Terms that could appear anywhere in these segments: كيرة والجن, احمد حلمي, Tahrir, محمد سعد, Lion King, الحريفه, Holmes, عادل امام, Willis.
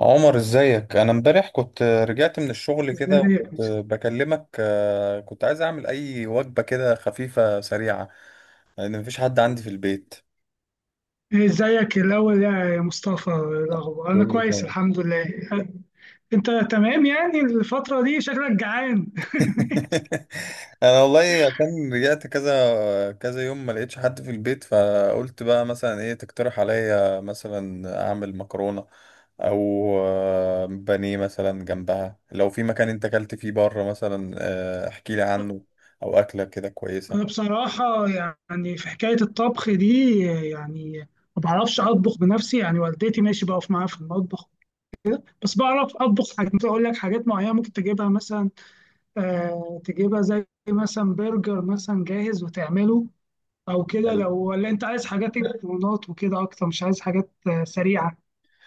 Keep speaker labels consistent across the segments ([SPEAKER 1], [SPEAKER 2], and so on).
[SPEAKER 1] عمر، ازيك؟ انا امبارح كنت رجعت من الشغل
[SPEAKER 2] ازيك
[SPEAKER 1] كده
[SPEAKER 2] يا
[SPEAKER 1] وكنت
[SPEAKER 2] مصطفى
[SPEAKER 1] بكلمك، كنت عايز اعمل اي وجبة كده خفيفة سريعة، لان مفيش حد عندي في البيت.
[SPEAKER 2] ازيك الاول يا مصطفى، إيه الاخبار؟ انا
[SPEAKER 1] بقول له
[SPEAKER 2] كويس
[SPEAKER 1] تمام.
[SPEAKER 2] الحمد لله. انت تمام؟ يعني الفتره دي شكلك جعان.
[SPEAKER 1] انا والله عشان رجعت كذا كذا يوم ما لقيتش حد في البيت، فقلت بقى مثلا ايه تقترح عليا؟ مثلا اعمل مكرونة، او بانيه مثلا جنبها. لو في مكان انت اكلت فيه بره مثلا، احكي لي عنه، او اكلة كده
[SPEAKER 2] انا
[SPEAKER 1] كويسة.
[SPEAKER 2] بصراحه يعني في حكايه الطبخ دي، يعني ما بعرفش اطبخ بنفسي، يعني والدتي ماشي بقف معاها في المطبخ. بس بعرف اطبخ حاجات، ممكن اقول لك حاجات معينه ممكن تجيبها مثلا. آه تجيبها زي مثلا برجر مثلا جاهز وتعمله، او كده. لو ولا انت عايز حاجات مكرونات وكده اكتر، مش عايز حاجات سريعه،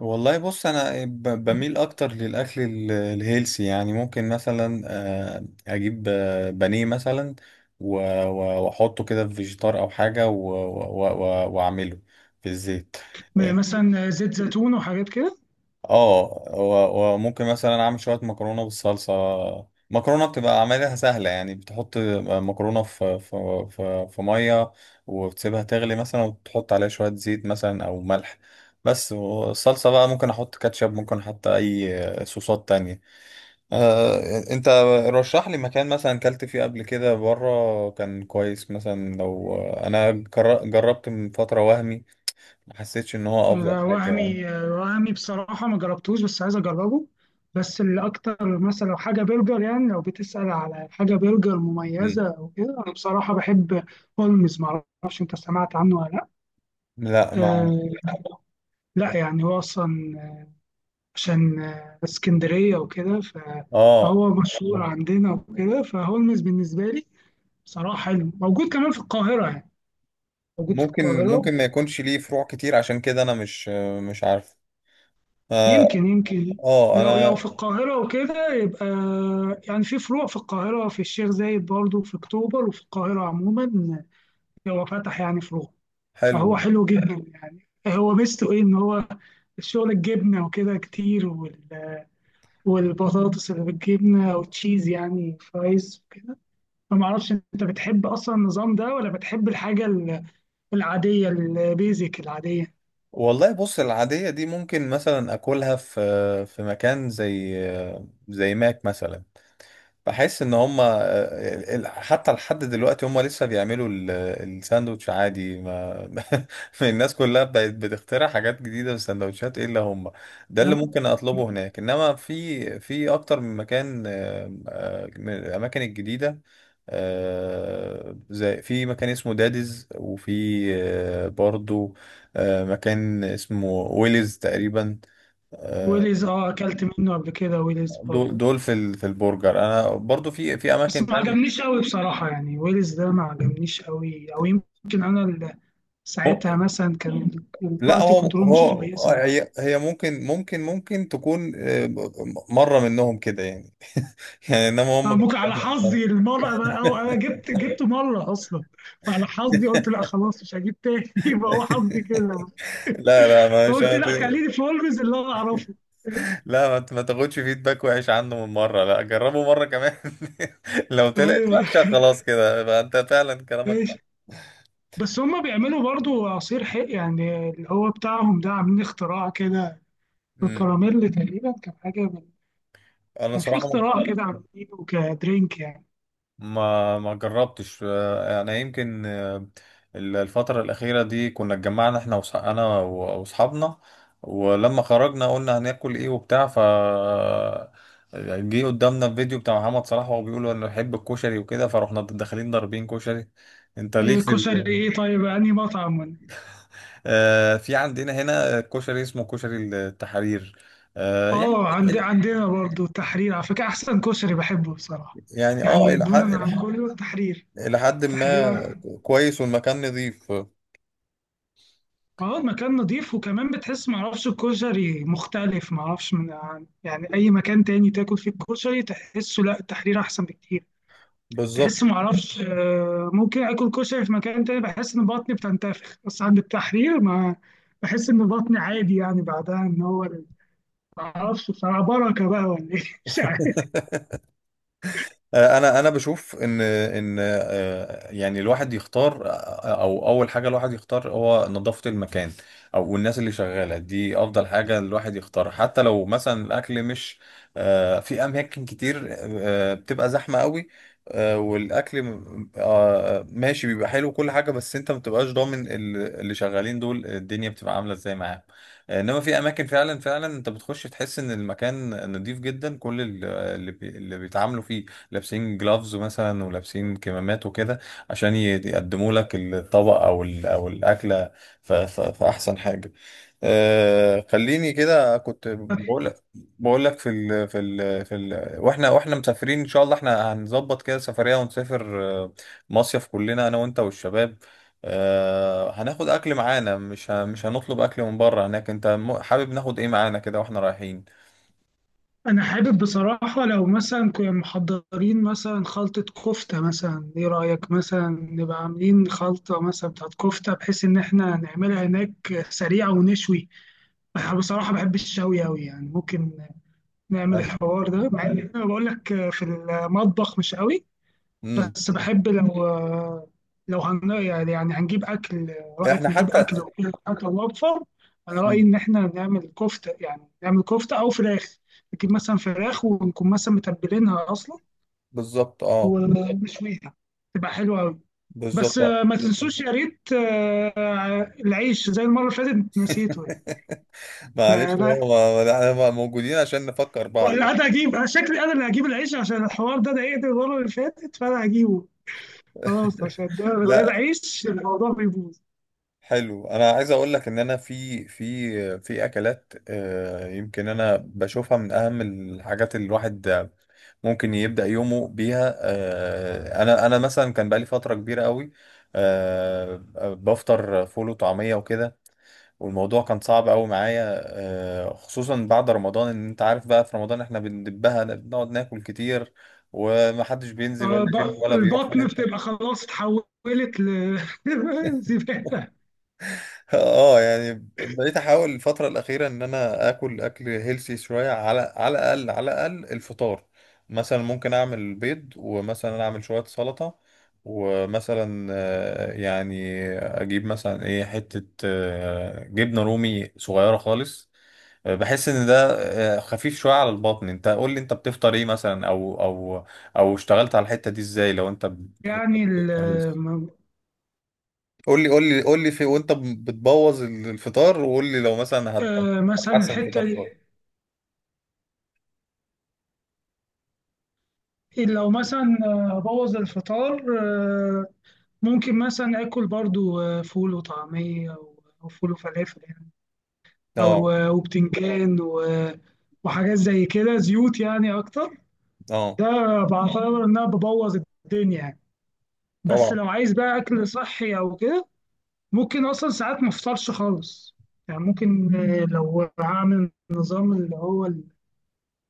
[SPEAKER 1] والله بص، انا بميل اكتر للاكل الهيلسي، يعني ممكن مثلا اجيب بانيه مثلا، و- واحطه كده في فيجيتار او حاجه، واعمله في الزيت.
[SPEAKER 2] مثلا زيت زيتون وحاجات كده.
[SPEAKER 1] اه، وممكن مثلا اعمل شويه مكرونه بالصلصه. مكرونه بتبقى عملها سهله، يعني بتحط مكرونه في ميه، وبتسيبها تغلي مثلا، وتحط عليها شويه زيت مثلا او ملح بس. والصلصه بقى ممكن احط كاتشب، ممكن احط اي صوصات تانية. آه، انت رشح لي مكان مثلا كلت فيه قبل كده بره كان كويس. مثلا لو انا جربت من فتره وهمي، ما حسيتش ان هو افضل
[SPEAKER 2] ده
[SPEAKER 1] حاجه يعني.
[SPEAKER 2] وهمي وهمي بصراحة ما جربتوش بس عايز أجربه. بس اللي أكتر مثلا لو حاجة برجر، يعني لو بتسأل على حاجة برجر
[SPEAKER 1] مم.
[SPEAKER 2] مميزة أو كده، أنا بصراحة بحب هولمز. معرفش أنت سمعت عنه ولا لأ.
[SPEAKER 1] لا.
[SPEAKER 2] أه، لا يعني هو أصلا عشان اسكندرية وكده،
[SPEAKER 1] اه،
[SPEAKER 2] فهو مشهور عندنا وكده. فهولمز بالنسبة لي بصراحة حلو، موجود كمان في القاهرة يعني، موجود في القاهرة.
[SPEAKER 1] ممكن ما يكونش ليه فروع كتير، عشان كده انا مش عارف. اه.
[SPEAKER 2] يمكن يمكن، لو
[SPEAKER 1] انا.
[SPEAKER 2] في القاهرة وكده يبقى، يعني في فروع في القاهرة، في الشيخ زايد برضه، في أكتوبر، وفي القاهرة عموما هو فتح يعني فروع.
[SPEAKER 1] حلو.
[SPEAKER 2] فهو حلو جدا يعني، هو ميزته إيه؟ إن هو الشغل الجبنة وكده كتير، والبطاطس اللي بالجبنة وتشيز يعني، فرايز وكده. فمعرفش أنت بتحب أصلا النظام ده ولا بتحب الحاجة العادية، البيزك العادية.
[SPEAKER 1] والله بص، العادية دي ممكن مثلا اكلها في مكان زي ماك مثلا. بحس ان هم حتى لحد دلوقتي هم لسه بيعملوا الساندوتش عادي ما. الناس كلها بقت بتخترع حاجات جديدة في السندوتشات الا هم. ده اللي
[SPEAKER 2] آه.
[SPEAKER 1] ممكن اطلبه هناك، انما في اكتر من مكان، من الاماكن الجديدة، زي في مكان اسمه داديز، وفي برضو مكان اسمه ويلز تقريبا. آه،
[SPEAKER 2] ويليز، اه أكلت منه قبل كده، ويليز
[SPEAKER 1] دول
[SPEAKER 2] برضه.
[SPEAKER 1] في في البرجر. انا برضو في
[SPEAKER 2] بس
[SPEAKER 1] اماكن
[SPEAKER 2] ما
[SPEAKER 1] تانية.
[SPEAKER 2] عجبنيش قوي بصراحة، يعني ويلز ده ما عجبنيش قوي، أو يمكن أنا ساعتها مثلا كان
[SPEAKER 1] لا،
[SPEAKER 2] الكواليتي كنترول مش
[SPEAKER 1] هو
[SPEAKER 2] كويسة أوي.
[SPEAKER 1] هي ممكن تكون مرة منهم كده يعني. يعني انما هم
[SPEAKER 2] أنا ممكن على
[SPEAKER 1] كانوا.
[SPEAKER 2] حظي المرة بقى، أو أنا جبت مرة أصلا، فعلى حظي قلت لا خلاص مش هجيب تاني. يبقى هو حظي كده.
[SPEAKER 1] لا، لا، مش
[SPEAKER 2] فقلت لا خليني في ويلز اللي أنا أعرفه.
[SPEAKER 1] لا، ما تاخدش فيدباك وحش عنه من مرة، لا، جربه مرة كمان. لو طلعت
[SPEAKER 2] ايوه،
[SPEAKER 1] وحشة خلاص كده يبقى انت فعلا كلامك
[SPEAKER 2] ماشي.
[SPEAKER 1] صح.
[SPEAKER 2] بس هما بيعملوا برضو عصير حق، يعني اللي هو بتاعهم ده، عاملين اختراع كده
[SPEAKER 1] امم.
[SPEAKER 2] بالكراميل تقريبا، كان حاجة من.
[SPEAKER 1] انا
[SPEAKER 2] كان في
[SPEAKER 1] صراحة
[SPEAKER 2] اختراع كده عاملينه كدرينك يعني.
[SPEAKER 1] ما جربتش. انا يمكن، الفترة الأخيرة دي كنا اتجمعنا احنا انا واصحابنا. ولما خرجنا قلنا هناكل ايه وبتاع، ف جه قدامنا الفيديو بتاع محمد صلاح وهو بيقول انا بحب الكشري وكده، فرحنا داخلين ضاربين كشري. انت ليك في
[SPEAKER 2] كشري ايه؟ طيب انهي مطعم؟
[SPEAKER 1] في عندنا هنا كشري اسمه كشري التحرير. يعني
[SPEAKER 2] اه عندنا برضو التحرير على فكرة، احسن كشري بحبه بصراحة،
[SPEAKER 1] يعني اه
[SPEAKER 2] يعني
[SPEAKER 1] الى حد
[SPEAKER 2] دونا عن كله التحرير،
[SPEAKER 1] إلى حد ما
[SPEAKER 2] تحرير.
[SPEAKER 1] كويس، والمكان نظيف.
[SPEAKER 2] اه المكان نظيف، وكمان بتحس معرفش الكشري مختلف، معرفش من يعني اي مكان تاني تاكل فيه الكشري تحسه، لا التحرير احسن بكتير.
[SPEAKER 1] بالظبط.
[SPEAKER 2] تحس معرفش، ممكن اكل كشري في مكان تاني بحس ان بطني بتنتفخ، بس عند التحرير ما بحس ان بطني عادي يعني بعدها. ان هو معرفش بصراحة، بركة بقى ولا ايه. مش عارف.
[SPEAKER 1] انا بشوف ان يعني الواحد يختار، او اول حاجه الواحد يختار هو نظافه المكان او الناس اللي شغاله دي. افضل حاجه الواحد يختارها، حتى لو مثلا الاكل مش في اماكن كتير بتبقى زحمه قوي والاكل ماشي، بيبقى حلو كل حاجه، بس انت ما بتبقاش ضامن اللي شغالين دول الدنيا بتبقى عامله ازاي معاهم. انما في اماكن فعلا فعلا انت بتخش تحس ان المكان نضيف جدا، كل اللي بيتعاملوا فيه لابسين جلافز مثلا، ولابسين كمامات وكده، عشان يقدموا لك الطبق او او الاكله في احسن حاجه. خليني كده، كنت بقول لك في ال في ال في ال واحنا مسافرين ان شاء الله، احنا هنظبط كده سفريه ونسافر مصيف كلنا انا وانت والشباب. هناخد اكل معانا، مش هنطلب اكل من بره هناك. انت حابب ناخد ايه معانا كده واحنا رايحين؟
[SPEAKER 2] انا حابب بصراحه لو مثلا كنا محضرين مثلا خلطه كفته مثلا، ايه رايك مثلا نبقى عاملين خلطه مثلا بتاعت كفته، بحيث ان احنا نعملها هناك سريعه ونشوي. انا بصراحه بحب الشوي قوي يعني، ممكن نعمل
[SPEAKER 1] أنا-
[SPEAKER 2] الحوار ده، مع ان انا بقول لك في المطبخ مش قوي.
[SPEAKER 1] مم.
[SPEAKER 2] بس
[SPEAKER 1] مم.
[SPEAKER 2] بحب لو يعني هنجيب أكل،
[SPEAKER 1] احنا
[SPEAKER 2] رأيك نجيب
[SPEAKER 1] حتى.
[SPEAKER 2] أكل وكده، أكل موفر. أنا رأيي
[SPEAKER 1] مم.
[SPEAKER 2] إن إحنا نعمل كفتة، يعني نعمل كفتة أو فراخ، نجيب مثلا فراخ ونكون مثلا متبلينها أصلا
[SPEAKER 1] بالظبط. اه،
[SPEAKER 2] ونشويها، تبقى حلوة أوي. بس
[SPEAKER 1] بالظبط. لا.
[SPEAKER 2] ما تنسوش يا ريت العيش زي المرة اللي فاتت نسيته يعني.
[SPEAKER 1] معلش،
[SPEAKER 2] فلا،
[SPEAKER 1] هو احنا موجودين عشان نفكر بعض
[SPEAKER 2] ولا
[SPEAKER 1] بقى.
[SPEAKER 2] أنا أجيب، أنا شكلي أنا اللي هجيب العيش عشان الحوار ده ضايقني المرة اللي فاتت، فأنا هجيبه خلاص، عشان ده من غير
[SPEAKER 1] لا،
[SPEAKER 2] عيش الموضوع بيبوظ.
[SPEAKER 1] حلو. انا عايز اقول لك ان انا في اكلات، يمكن انا بشوفها من اهم الحاجات اللي الواحد ممكن يبدأ يومه بيها. انا مثلا كان بقالي فترة كبيرة قوي آه، بفطر فول وطعمية وكده، والموضوع كان صعب قوي معايا، خصوصا بعد رمضان. ان انت عارف بقى، في رمضان احنا بندبها، بنقعد ناكل كتير، ومحدش بينزل ولا جيم ولا بيروح في
[SPEAKER 2] البطن
[SPEAKER 1] حته.
[SPEAKER 2] بتبقى خلاص اتحولت لزبالة.
[SPEAKER 1] اه، يعني بقيت احاول الفتره الاخيره ان انا اكل اكل هيلسي شويه، على الاقل على الاقل الفطار. مثلا ممكن اعمل بيض، ومثلا اعمل شويه سلطه، ومثلا يعني اجيب مثلا ايه، حته جبنه رومي صغيره خالص. بحس ان ده خفيف شويه على البطن. انت قول لي انت بتفطر ايه مثلا؟ او اشتغلت على الحته دي ازاي لو انت
[SPEAKER 2] يعني
[SPEAKER 1] بتفطر healthy؟ قول لي، قول لي، قول لي في وانت بتبوظ الفطار، وقول لي لو مثلا
[SPEAKER 2] مثلا
[SPEAKER 1] هتحسن الفطار
[SPEAKER 2] الحتة دي،
[SPEAKER 1] شويه.
[SPEAKER 2] لو مثلا أبوظ الفطار، ممكن مثلا آكل برضو فول وطعمية أو فول وفلافل يعني، أو
[SPEAKER 1] اه.
[SPEAKER 2] وبتنجان وحاجات زي كده، زيوت يعني أكتر.
[SPEAKER 1] اه.
[SPEAKER 2] ده بعتبر إن أنا ببوظ الدنيا يعني. بس
[SPEAKER 1] طبعا.
[SPEAKER 2] لو عايز بقى أكل صحي أو كده، ممكن اصلا ساعات ما افطرش خالص يعني، ممكن لو هعمل نظام اللي هو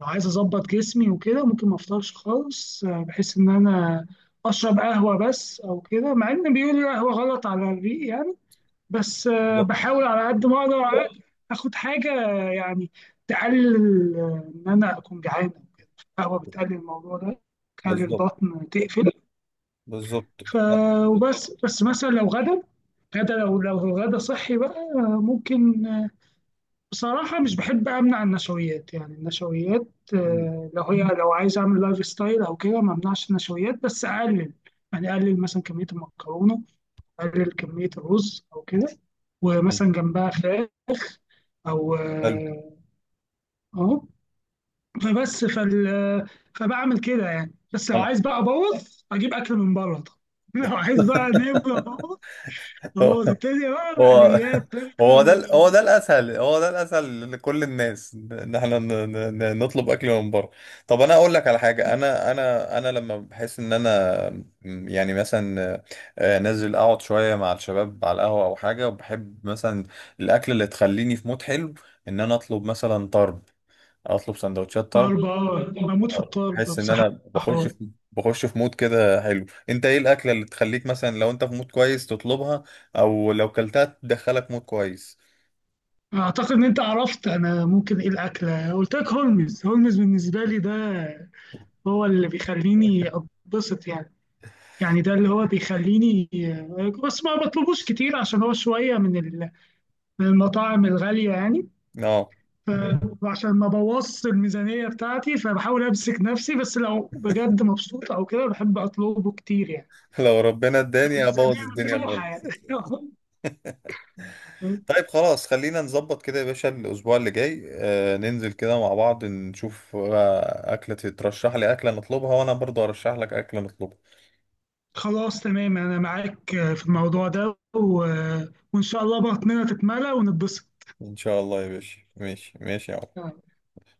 [SPEAKER 2] لو عايز اظبط جسمي وكده، ممكن ما افطرش خالص، بحيث ان انا اشرب قهوه بس او كده، مع ان بيقولوا القهوه غلط على الريق يعني. بس
[SPEAKER 1] بالظبط.
[SPEAKER 2] بحاول على قد ما اقدر اخد حاجه يعني، تقلل ان انا اكون جعان. القهوه بتقلل الموضوع ده، تقلل
[SPEAKER 1] بالظبط.
[SPEAKER 2] البطن، تقفل.
[SPEAKER 1] بالظبط.
[SPEAKER 2] ف
[SPEAKER 1] آه.
[SPEAKER 2] وبس، مثلا لو غدا، غدا لو الغدا صحي بقى، ممكن. بصراحة مش بحب أمنع النشويات، يعني النشويات
[SPEAKER 1] مم.
[SPEAKER 2] لو هي، لو عايز أعمل لايف ستايل أو كده ما أمنعش النشويات بس أقلل، يعني أقلل مثلا كمية المكرونة، أقلل كمية الرز أو كده،
[SPEAKER 1] مم.
[SPEAKER 2] ومثلا جنبها فراخ، أو
[SPEAKER 1] حلو.
[SPEAKER 2] أهو. فبس فبعمل كده يعني، بس لو
[SPEAKER 1] انا.
[SPEAKER 2] عايز بقى أبوظ، أجيب أكل من بره طبعا. لو عايز بقى نبقى أبوظ، أبوظ الدنيا بقى،
[SPEAKER 1] هو.
[SPEAKER 2] مقليات
[SPEAKER 1] هو ده
[SPEAKER 2] برجر.
[SPEAKER 1] الاسهل، هو ده الاسهل لكل الناس، ان احنا نطلب اكل من بره. طب انا اقول لك على حاجه، انا لما بحس ان انا، يعني مثلا نازل اقعد شويه مع الشباب على القهوه او حاجه، وبحب مثلا الاكل اللي تخليني في مود حلو، ان انا اطلب مثلا طرب، اطلب سندوتشات طرب.
[SPEAKER 2] طرب، اه بموت في الطرب
[SPEAKER 1] بحس ان
[SPEAKER 2] بصراحة.
[SPEAKER 1] انا بخش في مود كده حلو. انت ايه الاكله اللي تخليك مثلا، لو انت في مود كويس تطلبها، او لو كلتها تدخلك مود كويس؟
[SPEAKER 2] أعتقد إن أنت عرفت أنا ممكن إيه الأكلة، قلت لك هولمز. هولمز بالنسبة لي ده هو اللي بيخليني أتبسط يعني، يعني ده اللي هو بيخليني. بس ما بطلبوش كتير عشان هو شوية من من المطاعم الغالية يعني،
[SPEAKER 1] اه.
[SPEAKER 2] ف- وعشان ما بوظش الميزانية بتاعتي، فبحاول أمسك نفسي، بس لو بجد مبسوط أو كده بحب أطلبه كتير يعني،
[SPEAKER 1] لو ربنا
[SPEAKER 2] لو
[SPEAKER 1] اداني ابوظ
[SPEAKER 2] الميزانية
[SPEAKER 1] الدنيا
[SPEAKER 2] مفتوحة يعني.
[SPEAKER 1] خالص. طيب، خلاص، خلينا نظبط كده يا باشا. الاسبوع اللي جاي ننزل كده مع بعض، نشوف اكله ترشح لي، اكله نطلبها، وانا برضو ارشح لك اكله نطلبها.
[SPEAKER 2] خلاص تمام انا معاك في الموضوع ده، و... وان شاء الله بطننا تتملى ونتبسط.
[SPEAKER 1] ان شاء الله يا باشا. ماشي، ماشي يا عم.